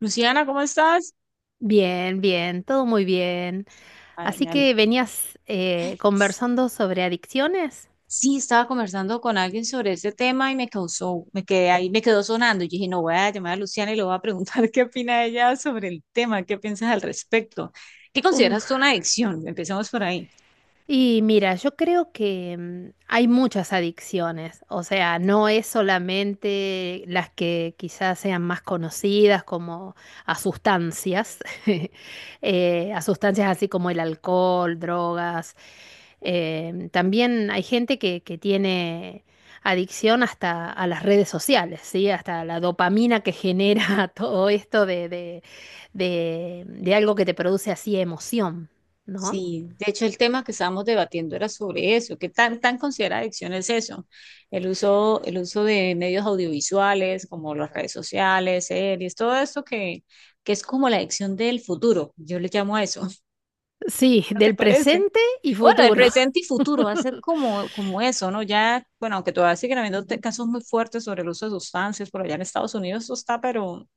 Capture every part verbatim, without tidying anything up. Luciana, ¿cómo estás? Bien, bien, todo muy bien. Ay, Así me ale- que venías eh, conversando sobre adicciones. Sí, estaba conversando con alguien sobre ese tema y me causó, me quedé ahí, me quedó sonando. Y dije, no, voy a llamar a Luciana y le voy a preguntar qué opina ella sobre el tema, qué piensas al respecto. ¿Qué consideras tú una adicción? Empecemos por ahí. Y mira, yo creo que mm, hay muchas adicciones, o sea, no es solamente las que quizás sean más conocidas como a sustancias, eh, a sustancias así como el alcohol, drogas. Eh, también hay gente que, que tiene adicción hasta a las redes sociales, ¿sí? Hasta la dopamina que genera todo esto de, de, de de algo que te produce así emoción, ¿no? Sí, de hecho el tema que estábamos debatiendo era sobre eso, qué tan tan considera adicción es eso, el uso, el uso de medios audiovisuales como las redes sociales, series, todo esto que, que es como la adicción del futuro, yo le llamo a eso. Sí, ¿No te del parece? presente y Bueno, el futuro. presente y futuro va a ser como, como eso, ¿no? Ya, bueno, aunque todavía siguen habiendo te- casos muy fuertes sobre el uso de sustancias, por allá en Estados Unidos eso está, pero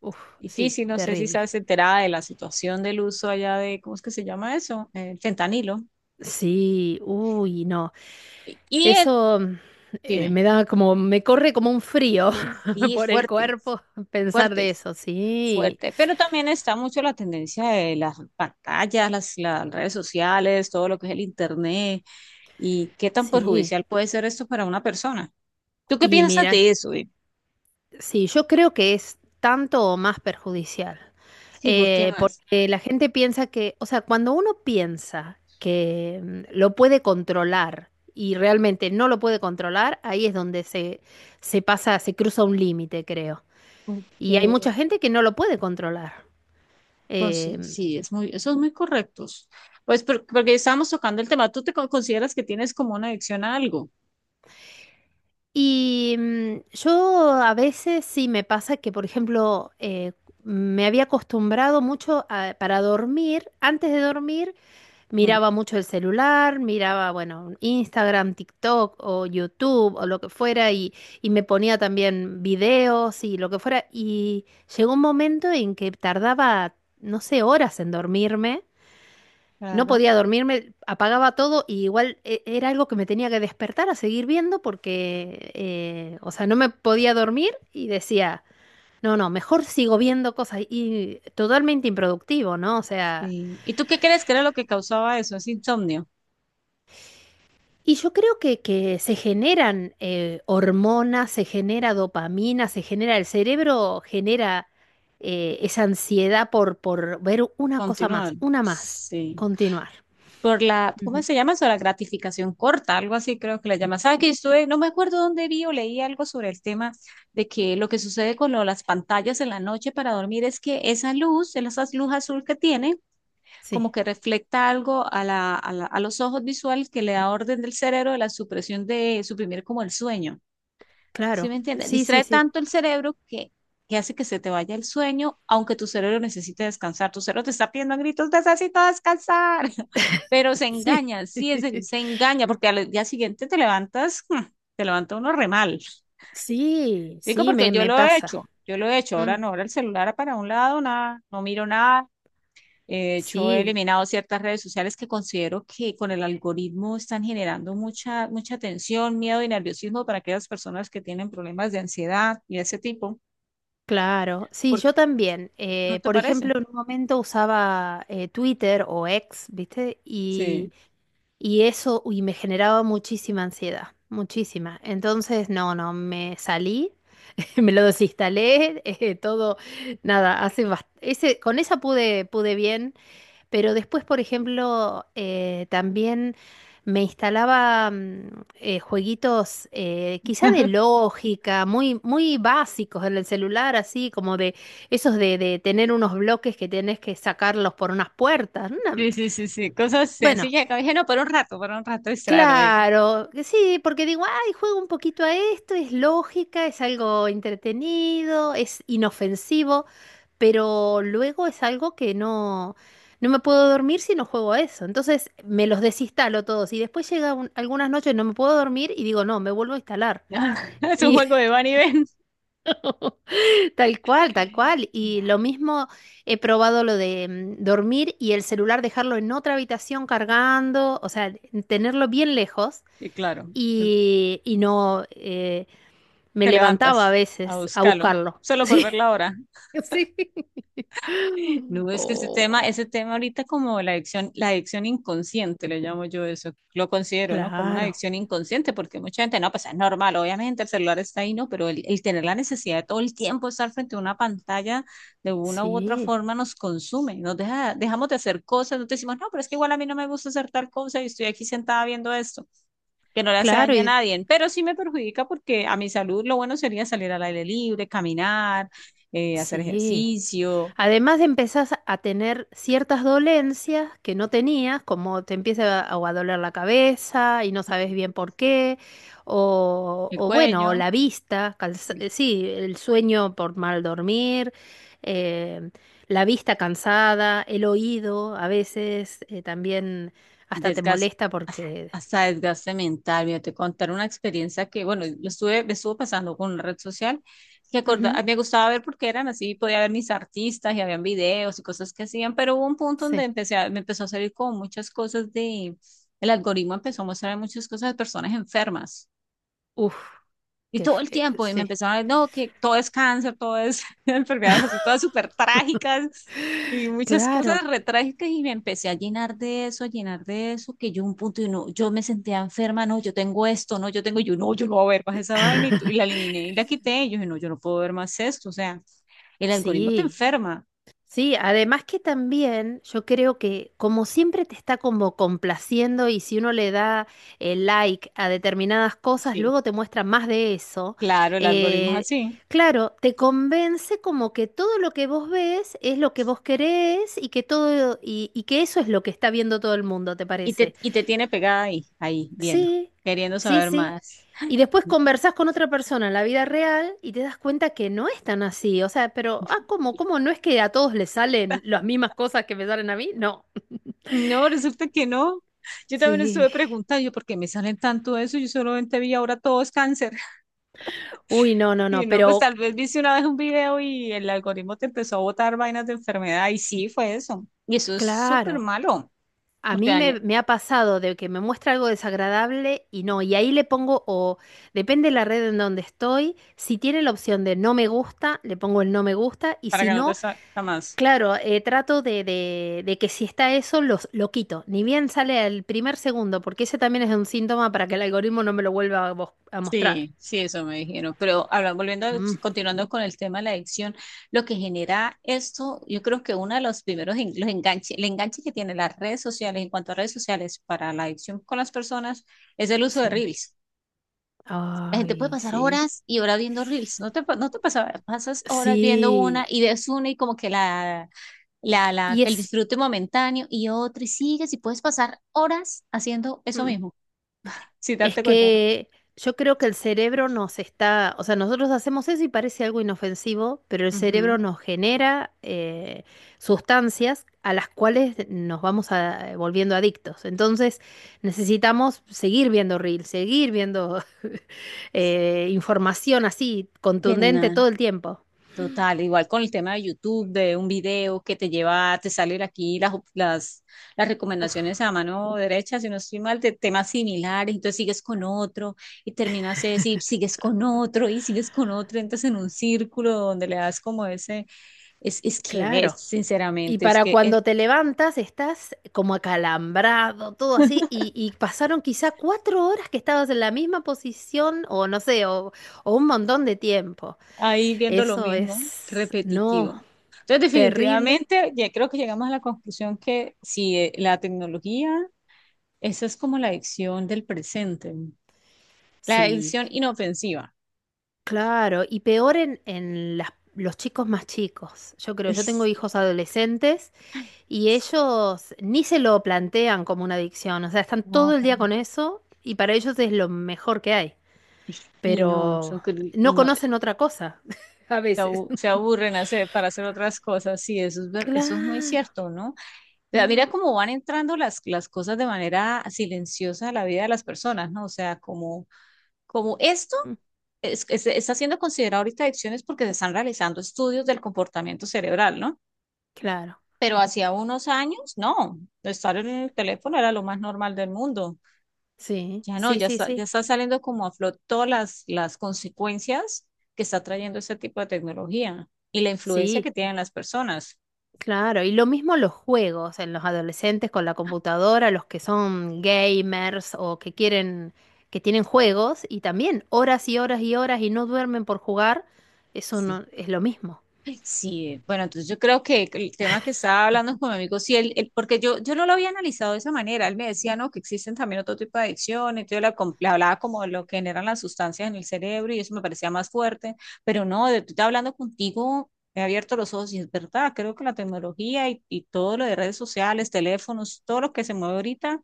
Uf, sí, difícil, no sé si terrible. sabes enterada de la situación del uso allá de, ¿cómo es que se llama eso? El fentanilo. Sí, uy, no. Y el- Eso mm, eh, dime, me da como, me corre como un frío sí, por el fuerte, cuerpo pensar fuerte, de eso. Sí, fuerte, pero también está mucho la tendencia de las pantallas, las, las redes sociales, todo lo que es el internet y qué tan sí. perjudicial puede ser esto para una persona. ¿Tú qué Y piensas mira, de eso? sí, yo creo que es tanto o más perjudicial. Sí, ¿por qué Eh, más? Porque la gente piensa que, o sea, cuando uno piensa que mm, lo puede controlar y realmente no lo puede controlar, ahí es donde se, se pasa, se cruza un límite, creo. Y hay Porque mucha gente que no lo puede controlar. pues, sí, Eh, sí, es muy, eso es muy correctos. Pues por- porque estábamos tocando el tema, ¿tú te co- consideras que tienes como una adicción a algo? y mm, yo a veces sí me pasa que, por ejemplo, eh, me había acostumbrado mucho a- para dormir, antes de dormir, Ujú. miraba mucho el celular, miraba, bueno, Instagram, TikTok o YouTube o lo que fuera y, y me ponía también videos y lo que fuera. Y llegó un momento en que tardaba, no sé, horas en dormirme. No Claro. podía dormirme, apagaba todo y igual e- era algo que me tenía que despertar a seguir viendo porque, eh, o sea, no me podía dormir y decía, no, no, mejor sigo viendo cosas y totalmente improductivo, ¿no? O sea... Sí. ¿Y tú qué crees que era lo que causaba eso? Es insomnio. Y yo creo que, que se generan eh, hormonas, se genera dopamina, se genera, el cerebro genera eh, esa ansiedad por, por ver una cosa Continuar. más, una más, Sí. continuar. Por la, ¿cómo Ujú. se llama eso? La gratificación corta, algo así creo que le llaman. ¿Sabes que estuve, no me acuerdo dónde vi o leí algo sobre el tema de que lo que sucede con lo- las pantallas en la noche para dormir es que esa luz, esa luz azul que tienen, como Sí, que refleja algo a la- a la- a los ojos visuales que le da orden del cerebro de la supresión de suprimir como el sueño. ¿Sí claro, me entiendes? sí, sí, Distrae sí. tanto el cerebro que, que hace que se te vaya el sueño, aunque tu cerebro necesite descansar. Tu cerebro te está pidiendo a gritos, necesito descansar, pero se Sí. engaña, sí, es el- se engaña, porque al día siguiente te levantas, mm, te levanta uno re mal. Sí, Digo, sí, porque me, yo me lo he pasa. hecho, yo lo he hecho, ahora Mm, no, ahora el celular para un lado, nada, no miro nada eh, de hecho, he sí, eliminado ciertas redes sociales que considero que con el algoritmo están generando mucha, mucha tensión, miedo y nerviosismo para aquellas personas que tienen problemas de ansiedad y ese tipo. claro. Sí, Porque, yo también. ¿no Eh, te Por parece? ejemplo, en un momento usaba eh, Twitter o X, ¿viste? Y Sí. y eso, uy, me generaba muchísima ansiedad, muchísima. Entonces, no, no, me salí, me lo desinstalé, eh, todo, nada, hace bast- ese, con esa pude, pude bien, pero después, por ejemplo, eh, también me instalaba mm, eh, jueguitos eh, quizá de lógica, muy, muy básicos en el celular, así como de esos de, de tener unos bloques que tenés que sacarlos por unas puertas. una- Sí, sí, sí, sí. Cosas Bueno, sencillas que dije, no, para un rato, para un rato distraerme. claro, que sí, porque digo, ay, juego un poquito a esto, es lógica, es algo entretenido, es inofensivo, pero luego es algo que no, no me puedo dormir si no juego a eso. Entonces me los desinstalo todos y después llega un- algunas noches no me puedo dormir y digo, no, me vuelvo a instalar. Es un Y juego de van y ven. tal cual, tal cual. Y Claro. lo mismo he probado lo de mm, dormir y el celular dejarlo en otra habitación cargando, o sea, tenerlo bien lejos Y claro, y, y no eh, me te levantaba a levantas a veces a buscarlo, buscarlo. solo por ver la hora. Sí, sí. No, es que ese Oh, tema, ese tema ahorita como la adicción, la adicción inconsciente, le llamo yo eso, lo considero, ¿no? Como una claro, adicción inconsciente, porque mucha gente, no, pues es normal, obviamente el celular está ahí, ¿no? Pero el, el tener la necesidad de todo el tiempo estar frente a una pantalla de una u otra sí, forma nos consume, nos deja, dejamos de hacer cosas, no te decimos, no, pero es que igual a mí no me gusta hacer tal cosa y estoy aquí sentada viendo esto, que no le hace claro, daño a y nadie, pero sí me perjudica porque a mi salud lo bueno sería salir al aire libre, caminar, eh, hacer sí. ejercicio. Además empezás a tener ciertas dolencias que no tenías, como te empieza a, o a doler la cabeza y no sabes bien por qué, o, El o bueno, o cuello, la vista, cansa- el eh, sí, el sueño por mal dormir, eh, la vista cansada, el oído a veces eh, también hasta te desgaste, molesta porque... hasta desgaste mental. Mira, te contar una experiencia que, bueno, lo estuve, me estuvo pasando con una red social que acorda- a Ujú, mí me gustaba ver porque eran así, podía ver mis artistas y habían videos y cosas que hacían, pero hubo un punto donde sí, empecé a- me empezó a salir como muchas cosas de, el algoritmo empezó a mostrar muchas cosas de personas enfermas. uf, Y qué todo el fe- tiempo, y me sí, empezaron a decir, no, que todo es cáncer, todo es enfermedades así, todas súper trágicas y muchas cosas claro, re trágicas, y me empecé a llenar de eso, a llenar de eso, que yo un punto, y no, yo me sentía enferma, no, yo tengo esto, no, yo tengo, y yo no, yo no voy a ver más esa vaina, y, tu- y la eliminé y la quité, y yo dije, no, yo no puedo ver más esto, o sea, el algoritmo te sí. enferma. Sí, además que también yo creo que como siempre te está como complaciendo y si uno le da el like a determinadas cosas, Sí, luego te muestra más de eso. claro, el algoritmo es eh, así, claro, te convence como que todo lo que vos ves es lo que vos querés y que todo y, y que eso es lo que está viendo todo el mundo, ¿te y te, parece? y te tiene pegada ahí, ahí, viendo, Sí, queriendo sí, saber sí. más. Y después conversás con otra persona en la vida real y te das cuenta que no es tan así. O sea, pero, ah, ¿cómo? ¿Cómo no es que a todos les salen las mismas cosas que me salen a mí? No. No, resulta que no. Yo también Sí. estuve preguntando, yo, ¿por qué me salen tanto eso? Yo solamente vi ahora todo es cáncer. Uy, no, no, Y no. no, pues tal Pero, vez viste una vez un video y el algoritmo te empezó a botar vainas de enfermedad y sí, fue eso. Y eso es súper claro, malo, a porque mí me, daña, me ha pasado de que me muestra algo desagradable y no. Y ahí le pongo, o depende de la red en donde estoy, si tiene la opción de no me gusta, le pongo el no me gusta. Y para si que no te no, salga más. claro, eh, trato de, de- de que si está eso, los, lo quito. Ni bien sale el primer segundo, porque ese también es un síntoma para que el algoritmo no me lo vuelva a, mos- a mostrar. Sí, sí, eso me dijeron. Pero ahora volviendo, a- Mm, sí, continuando con el tema de la adicción, lo que genera esto, yo creo que uno de los primeros en- los enganches, el enganche que tienen las redes sociales, en cuanto a redes sociales, para la adicción con las personas, es el uso de sí. Reels. La gente puede Ay, pasar sí. horas y horas viendo Reels. No te, pa- no te pasa, pasas horas viendo una Sí. y ves una y como que la, la, la, Y el es. disfrute momentáneo y otra y sigues y puedes pasar horas haciendo eso mm, mismo, sin Es darte cuenta, que yo creo que el cerebro nos está, o sea, nosotros hacemos eso y parece algo inofensivo, pero el ¿no? cerebro Ujú. nos genera eh, sustancias a las cuales nos vamos a- eh, volviendo adictos. Entonces necesitamos seguir viendo reels, seguir viendo eh, información así contundente Bien, todo el tiempo. total, igual con el tema de YouTube, de un video que te lleva, te salen aquí las, op- las, las Uf, recomendaciones a mano derecha, si no estoy mal, de temas similares, entonces sigues con otro y terminas de decir, sigues con otro y sigues con otro, entras en un círculo donde le das como ese, es, es que ves, claro. Y sinceramente, es para que el- cuando te levantas estás como acalambrado, todo así, y, y pasaron quizá cuatro horas que estabas en la misma posición, o no sé, o, o un montón de tiempo. ahí viendo lo Eso mismo, es, no, repetitivo. Entonces, terrible. definitivamente, ya creo que llegamos a la conclusión que si eh, la tecnología, esa es como la adicción del presente. La Sí, edición inofensiva. claro, y peor en, en las- los chicos más chicos. Yo creo, Uy, yo tengo hijos sí. adolescentes Ay, y ellos ni se lo plantean como una adicción, o sea, están no, todo el para día mí. con eso y para ellos es lo mejor que hay. Y no, son Pero cru- y no no, conocen otra cosa a se veces. abu- se aburren hacer, para hacer otras cosas. Sí, eso es, ver- eso es muy Claro. cierto, ¿no? O sea, mira Ujú, cómo van entrando las, las cosas de manera silenciosa a la vida de las personas, ¿no? O sea, como, como esto ujú, es- es- está siendo considerado ahorita adicciones porque se están realizando estudios del comportamiento cerebral, ¿no? claro. Pero hacía unos años, no, estar en el teléfono era lo más normal del mundo. Sí, Ya no, sí, ya sí, está, ya sí. está saliendo como a flot todas las, las consecuencias que está trayendo ese tipo de tecnología y la influencia que Sí, tienen las personas. claro. Y lo mismo los juegos en los adolescentes con la computadora, los que son gamers o que quieren, que tienen juegos y también horas y horas y horas y no duermen por jugar, eso no es lo mismo. Sí, bueno, entonces yo creo que el tema que estaba hablando con mi amigo, sí, él, él- porque yo, yo no lo había analizado de esa manera, él me decía, no, que existen también otro tipo de adicciones, yo la com- le hablaba como de lo que generan las sustancias en el cerebro y eso me parecía más fuerte, pero no, de, de hablando contigo me he abierto los ojos y es verdad, creo que la tecnología y, y todo lo de redes sociales, teléfonos, todo lo que se mueve ahorita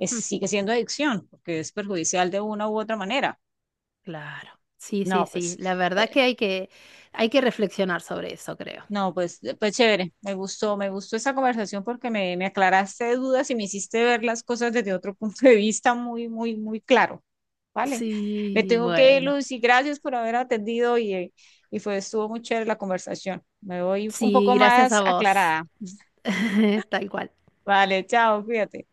es, Mm, sigue siendo adicción, porque es perjudicial de una u otra manera. claro. Sí, sí, No, sí. pues. La verdad que hay que, hay que reflexionar sobre eso, creo. No, pues, pues chévere, me gustó, me gustó esa conversación porque me, me aclaraste dudas y me hiciste ver las cosas desde otro punto de vista muy, muy, muy claro. Vale, me Sí, tengo que ir, bueno. Lucy, gracias por haber atendido y, eh, y fue, estuvo muy chévere la conversación. Me voy un Sí, poco gracias más a vos. aclarada. Tal cual. Vale, chao, cuídate.